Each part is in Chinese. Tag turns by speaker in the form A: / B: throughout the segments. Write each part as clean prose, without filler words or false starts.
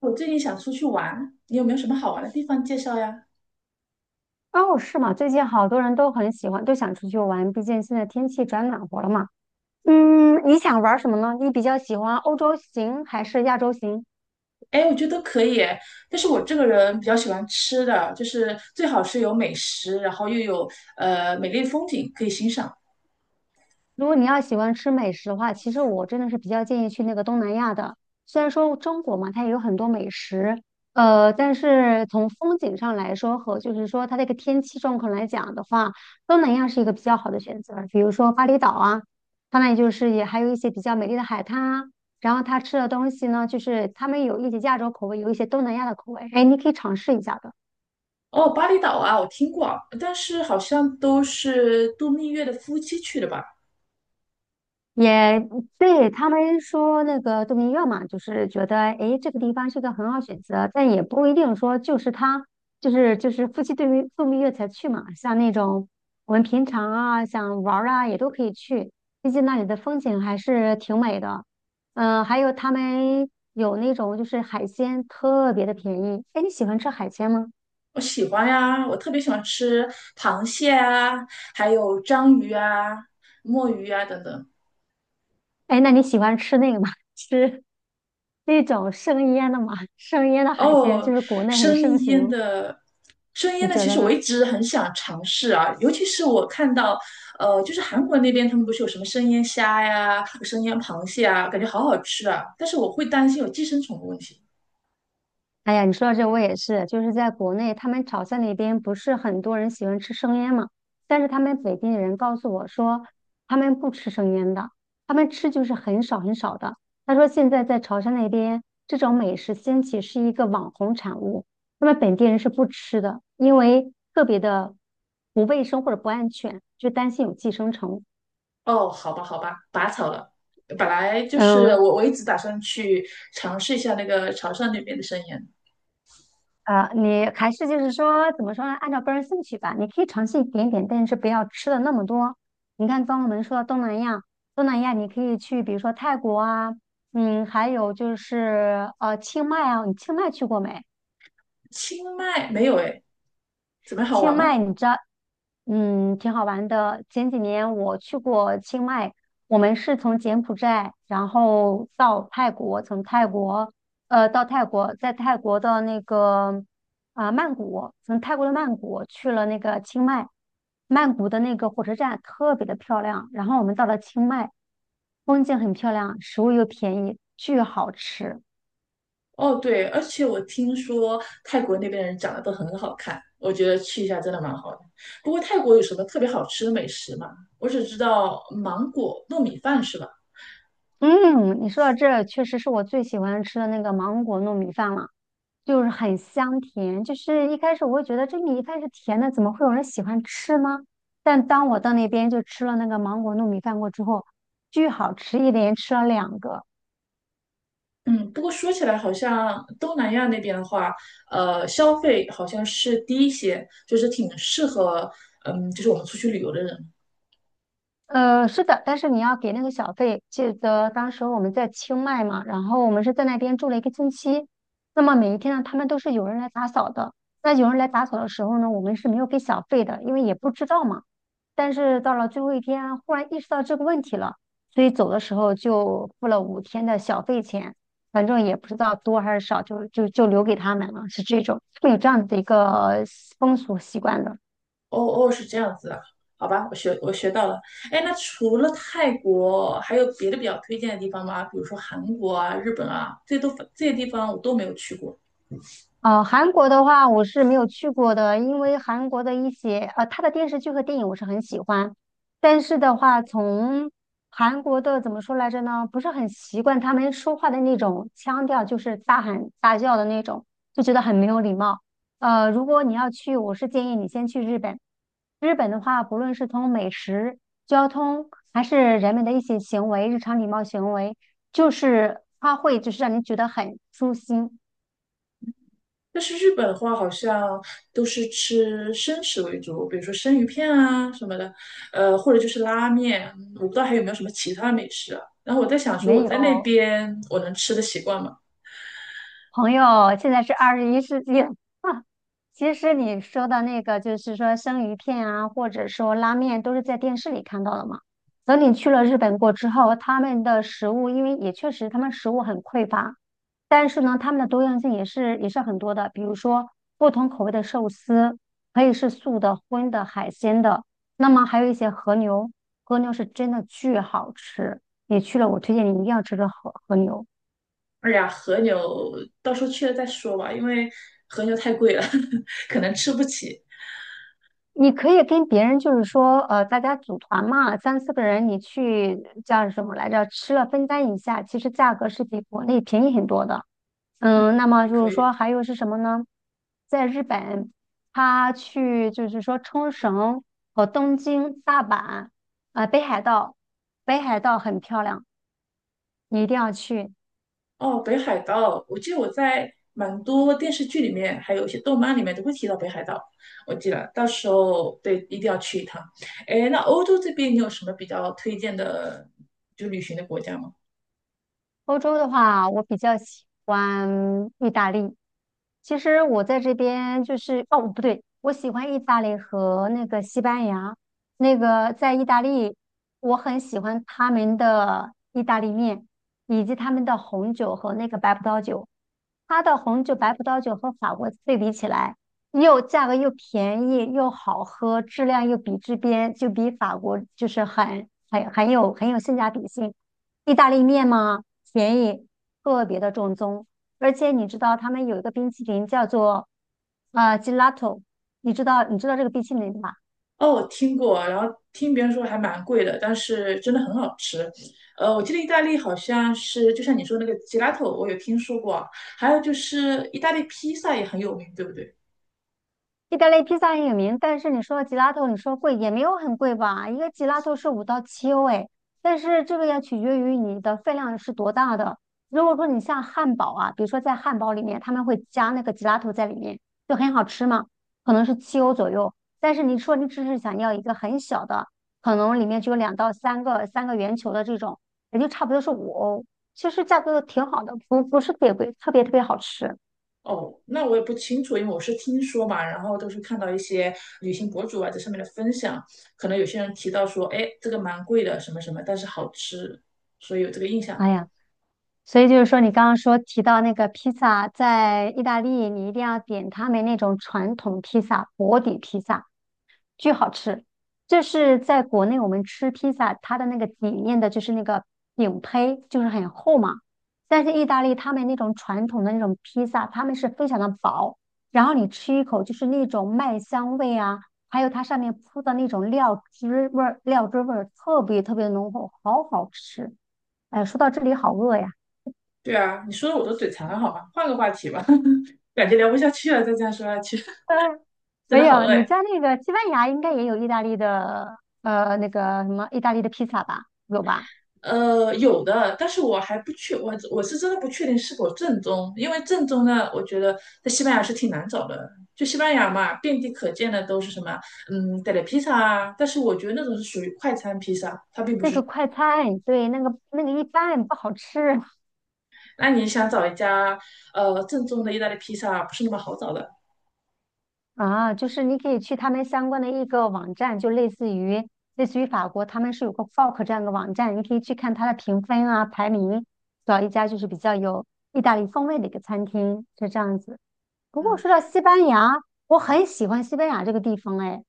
A: 我最近想出去玩，你有没有什么好玩的地方介绍呀？
B: 哦，是吗？最近好多人都很喜欢，都想出去玩，毕竟现在天气转暖和了嘛。嗯，你想玩什么呢？你比较喜欢欧洲行还是亚洲行？
A: 哎，我觉得都可以诶，但是我这个人比较喜欢吃的，就是最好是有美食，然后又有美丽的风景可以欣赏。
B: 如果你要喜欢吃美食的话，其实我真的是比较建议去那个东南亚的。虽然说中国嘛，它也有很多美食，但是从风景上来说和就是说它这个天气状况来讲的话，东南亚是一个比较好的选择。比如说巴厘岛啊，它那里就是也还有一些比较美丽的海滩啊。然后它吃的东西呢，就是他们有一些亚洲口味，有一些东南亚的口味，哎，你可以尝试一下的。
A: 哦，巴厘岛啊，我听过，但是好像都是度蜜月的夫妻去的吧？
B: 也对他们说那个度蜜月嘛，就是觉得诶这个地方是个很好选择，但也不一定说就是他就是夫妻度蜜月才去嘛。像那种我们平常啊想玩儿啊也都可以去，毕竟那里的风景还是挺美的。还有他们有那种就是海鲜特别的便宜。诶，你喜欢吃海鲜吗？
A: 我喜欢呀，我特别喜欢吃螃蟹啊，还有章鱼啊、墨鱼啊等等。
B: 诶，那你喜欢吃那个吗？吃那种生腌的吗？生腌的海鲜就
A: 哦，
B: 是国内很
A: 生
B: 盛
A: 腌
B: 行，
A: 的，生腌
B: 你
A: 的，
B: 觉
A: 其
B: 得
A: 实我
B: 呢？
A: 一直很想尝试啊，尤其是我看到，就是韩国那边他们不是有什么生腌虾呀、生腌螃蟹啊，感觉好好吃啊，但是我会担心有寄生虫的问题。
B: 哎呀，你说到这，我也是，就是在国内，他们潮汕那边不是很多人喜欢吃生腌嘛，但是他们本地人告诉我说，他们不吃生腌的，他们吃就是很少很少的。他说现在在潮汕那边，这种美食兴起是一个网红产物，他们本地人是不吃的，因为特别的不卫生或者不安全，就担心有寄生虫。
A: 哦，好吧，好吧，拔草了。本来就是
B: 嗯，
A: 我一直打算去尝试一下那个潮汕那边的生腌。
B: 你还是就是说，怎么说呢？按照个人兴趣吧，你可以尝试一点点，但是不要吃的那么多。你看，刚刚我们说到东南亚，东南亚你可以去，比如说泰国啊，还有就是清迈啊，你清迈去过没？
A: 清迈没有诶，怎么样好
B: 清
A: 玩吗？
B: 迈，你知道，挺好玩的。前几年我去过清迈，我们是从柬埔寨，然后到泰国，从泰国，到泰国，在泰国的那个啊、曼谷，从泰国的曼谷去了那个清迈，曼谷的那个火车站特别的漂亮。然后我们到了清迈，风景很漂亮，食物又便宜，巨好吃。
A: 哦，对，而且我听说泰国那边的人长得都很好看，我觉得去一下真的蛮好的。不过泰国有什么特别好吃的美食吗？我只知道芒果糯米饭是吧？
B: 嗯，你说到这，确实是我最喜欢吃的那个芒果糯米饭了，就是很香甜。就是一开始我会觉得这米饭是甜的，怎么会有人喜欢吃呢？但当我到那边就吃了那个芒果糯米饭过之后，巨好吃，一连吃了两个。
A: 嗯，不过说起来好像东南亚那边的话，消费好像是低一些，就是挺适合，嗯，就是我们出去旅游的人。
B: 是的，但是你要给那个小费。记得当时我们在清迈嘛，然后我们是在那边住了一个星期。那么每一天呢，他们都是有人来打扫的。那有人来打扫的时候呢，我们是没有给小费的，因为也不知道嘛。但是到了最后一天，忽然意识到这个问题了，所以走的时候就付了5天的小费钱，反正也不知道多还是少，就留给他们了，是这种，会有这样的一个风俗习惯的。
A: 哦哦，是这样子的，好吧，我学我学到了。哎，那除了泰国，还有别的比较推荐的地方吗？比如说韩国啊、日本啊，这都这些地方我都没有去过。
B: 韩国的话我是没有去过的，因为韩国的一些他的电视剧和电影我是很喜欢，但是的话，从韩国的怎么说来着呢？不是很习惯他们说话的那种腔调，就是大喊大叫的那种，就觉得很没有礼貌。如果你要去，我是建议你先去日本。日本的话，不论是从美食、交通，还是人们的一些行为、日常礼貌行为，就是它会就是让你觉得很舒心，
A: 但是日本的话，好像都是吃生食为主，比如说生鱼片啊什么的，或者就是拉面。嗯，我不知道还有没有什么其他的美食啊。然后我在想说，
B: 没
A: 我在那
B: 有。
A: 边我能吃得习惯吗？
B: 朋友，现在是21世纪了。其实你说的那个，就是说生鱼片啊，或者说拉面，都是在电视里看到的嘛。等你去了日本过之后，他们的食物，因为也确实他们食物很匮乏，但是呢，他们的多样性也是很多的。比如说不同口味的寿司，可以是素的、荤的、海鲜的，那么还有一些和牛，和牛是真的巨好吃。你去了，我推荐你一定要吃个和牛。
A: 哎呀，和牛到时候去了再说吧，因为和牛太贵了，可能吃不起。
B: 你可以跟别人就是说，大家组团嘛，三四个人，你去叫什么来着？吃了分担一下，其实价格是比国内便宜很多的。嗯，那么
A: 也
B: 就
A: 可
B: 是
A: 以。
B: 说还有是什么呢？在日本，他去就是说冲绳和东京、大阪，啊、北海道，北海道很漂亮，你一定要去。
A: 哦，北海道，我记得我在蛮多电视剧里面，还有一些动漫里面都会提到北海道。我记得到时候对，一定要去一趟。哎，那欧洲这边你有什么比较推荐的，就旅行的国家吗？
B: 欧洲的话，我比较喜欢意大利。其实我在这边就是，哦，不对，我喜欢意大利和那个西班牙。那个在意大利，我很喜欢他们的意大利面，以及他们的红酒和那个白葡萄酒。它的红酒、白葡萄酒和法国对比起来，又价格又便宜又好喝，质量又比这边就比法国就是很有性价比性。意大利面嘛，便宜，特别的正宗。而且你知道他们有一个冰淇淋叫做gelato，你知道这个冰淇淋吧？
A: 哦，我听过，然后听别人说还蛮贵的，但是真的很好吃。我记得意大利好像是，就像你说那个吉拉头，我有听说过啊，还有就是意大利披萨也很有名，对不对？
B: 意大利披萨很有名，但是你说吉拉头，你说贵也没有很贵吧？一个吉拉头是5到7欧哎，但是这个要取决于你的分量是多大的。如果说你像汉堡啊，比如说在汉堡里面他们会加那个吉拉头在里面，就很好吃嘛，可能是七欧左右。但是你说你只是想要一个很小的，可能里面只有两到三个圆球的这种，也就差不多是5欧。其实价格挺好的，不是特别贵，特别特别好吃。
A: 哦，那我也不清楚，因为我是听说嘛，然后都是看到一些旅行博主啊在上面的分享，可能有些人提到说，哎，这个蛮贵的，什么什么，但是好吃，所以有这个印象。
B: 哎呀。所以就是说，你刚刚提到那个披萨，在意大利你一定要点他们那种传统披萨，薄底披萨，巨好吃。这是在国内我们吃披萨，它的那个底面的就是那个饼胚，就是很厚嘛。但是意大利他们那种传统的那种披萨，他们是非常的薄，然后你吃一口就是那种麦香味啊，还有它上面铺的那种料汁味儿，料汁味儿特别特别浓厚，好好吃。哎，说到这里好饿呀。
A: 对啊，你说的我都嘴馋了，好吧，换个话题吧，感觉聊不下去了，再这样说下去，
B: 嗯，
A: 真的
B: 没
A: 好
B: 有，
A: 饿
B: 你
A: 呀。
B: 在那个西班牙应该也有意大利的，那个什么意大利的披萨吧？有吧？
A: 有的，但是我是真的不确定是否正宗，因为正宗呢，我觉得在西班牙是挺难找的。就西班牙嘛，遍地可见的都是什么，嗯，带点披萨啊，但是我觉得那种是属于快餐披萨。
B: 那个快餐，对，那个一般不好吃
A: 那你想找一家正宗的意大利披萨，不是那么好找的。
B: 啊。就是你可以去他们相关的一个网站，就类似于法国，他们是有个 Fork 这样的网站，你可以去看它的评分啊、排名，找一家就是比较有意大利风味的一个餐厅，是这样子。不过
A: 嗯，
B: 说到西班牙，我很喜欢西班牙这个地方，哎，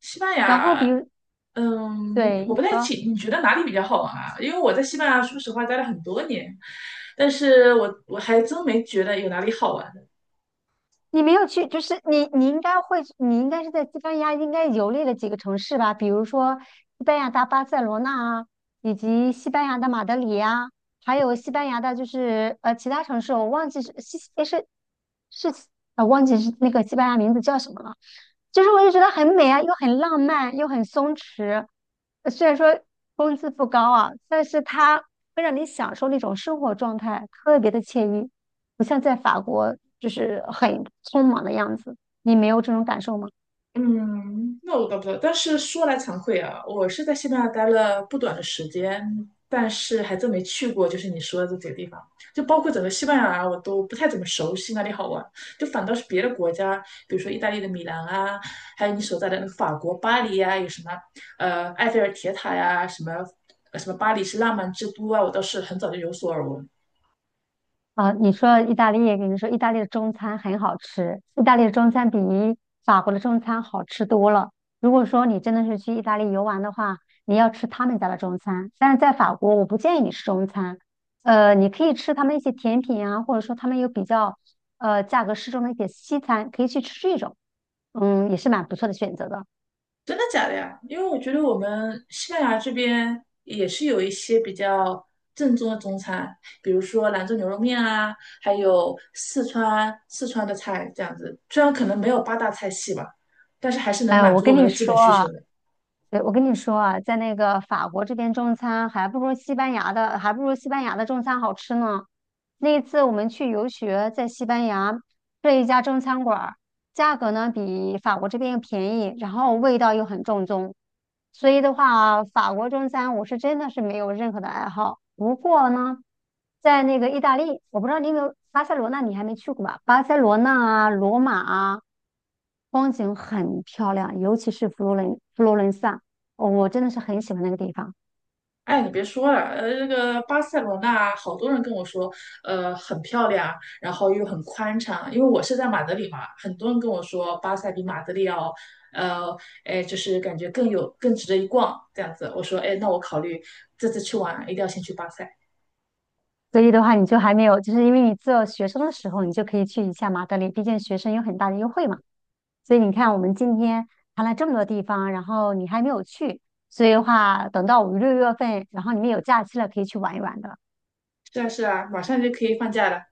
A: 西班
B: 然后比
A: 牙，
B: 如，
A: 嗯，
B: 对，
A: 我
B: 你
A: 不太
B: 说。
A: 清，你觉得哪里比较好玩啊？因为我在西班牙，说实话待了很多年，但是我还真没觉得有哪里好玩。
B: 你没有去，就是你应该会，你应该是在西班牙应该游历了几个城市吧，比如说西班牙的巴塞罗那啊，以及西班牙的马德里呀、还有西班牙的就是其他城市，我是忘记是那个西班牙名字叫什么了，就是我就觉得很美啊，又很浪漫，又很松弛，虽然说工资不高啊，但是它会让你享受那种生活状态，特别的惬意。不像在法国就是很匆忙的样子。你没有这种感受吗？
A: 嗯，那我倒不知道。但是说来惭愧啊，我是在西班牙待了不短的时间，但是还真没去过，就是你说的这几个地方，就包括整个西班牙啊，我都不太怎么熟悉哪里好玩。就反倒是别的国家，比如说意大利的米兰啊，还有你所在的那个法国巴黎呀、有什么埃菲尔铁塔呀、什么巴黎是浪漫之都啊，我倒是很早就有所耳闻。
B: 啊，你说意大利，跟你说意大利的中餐很好吃，意大利的中餐比法国的中餐好吃多了。如果说你真的是去意大利游玩的话，你要吃他们家的中餐，但是在法国我不建议你吃中餐，你可以吃他们一些甜品啊，或者说他们有比较价格适中的一些西餐，可以去吃这种，也是蛮不错的选择的。
A: 真的假的呀？因为我觉得我们西班牙这边也是有一些比较正宗的中餐，比如说兰州牛肉面啊，还有四川的菜这样子。虽然可能没有八大菜系吧，但是还是能
B: 哎，
A: 满
B: 我
A: 足我
B: 跟
A: 们
B: 你
A: 的基本
B: 说
A: 需
B: 啊。
A: 求的。
B: 对，我跟你说啊，在那个法国这边中餐还不如西班牙的中餐好吃呢。那一次我们去游学，在西班牙这一家中餐馆儿，价格呢比法国这边又便宜，然后味道又很正宗。所以的话啊，法国中餐我是真的是没有任何的爱好。不过呢，在那个意大利，我不知道你有没有巴塞罗那，你还没去过吧？巴塞罗那啊，罗马啊，风景很漂亮，尤其是佛罗伦萨，哦我真的是很喜欢那个地方。
A: 哎，你别说了，那个巴塞罗那好多人跟我说，很漂亮，然后又很宽敞，因为我是在马德里嘛，很多人跟我说巴塞比马德里要，呃，哎，就是感觉更有更值得一逛这样子。我说，哎，那我考虑这次去玩一定要先去巴塞。
B: 所以的话，你就还没有，就是因为你做学生的时候，你就可以去一下马德里，毕竟学生有很大的优惠嘛。所以你看，我们今天谈了这么多地方，然后你还没有去，所以的话，等到五六月份，然后你们有假期了，可以去玩一玩的。
A: 是啊，是啊，马上就可以放假了。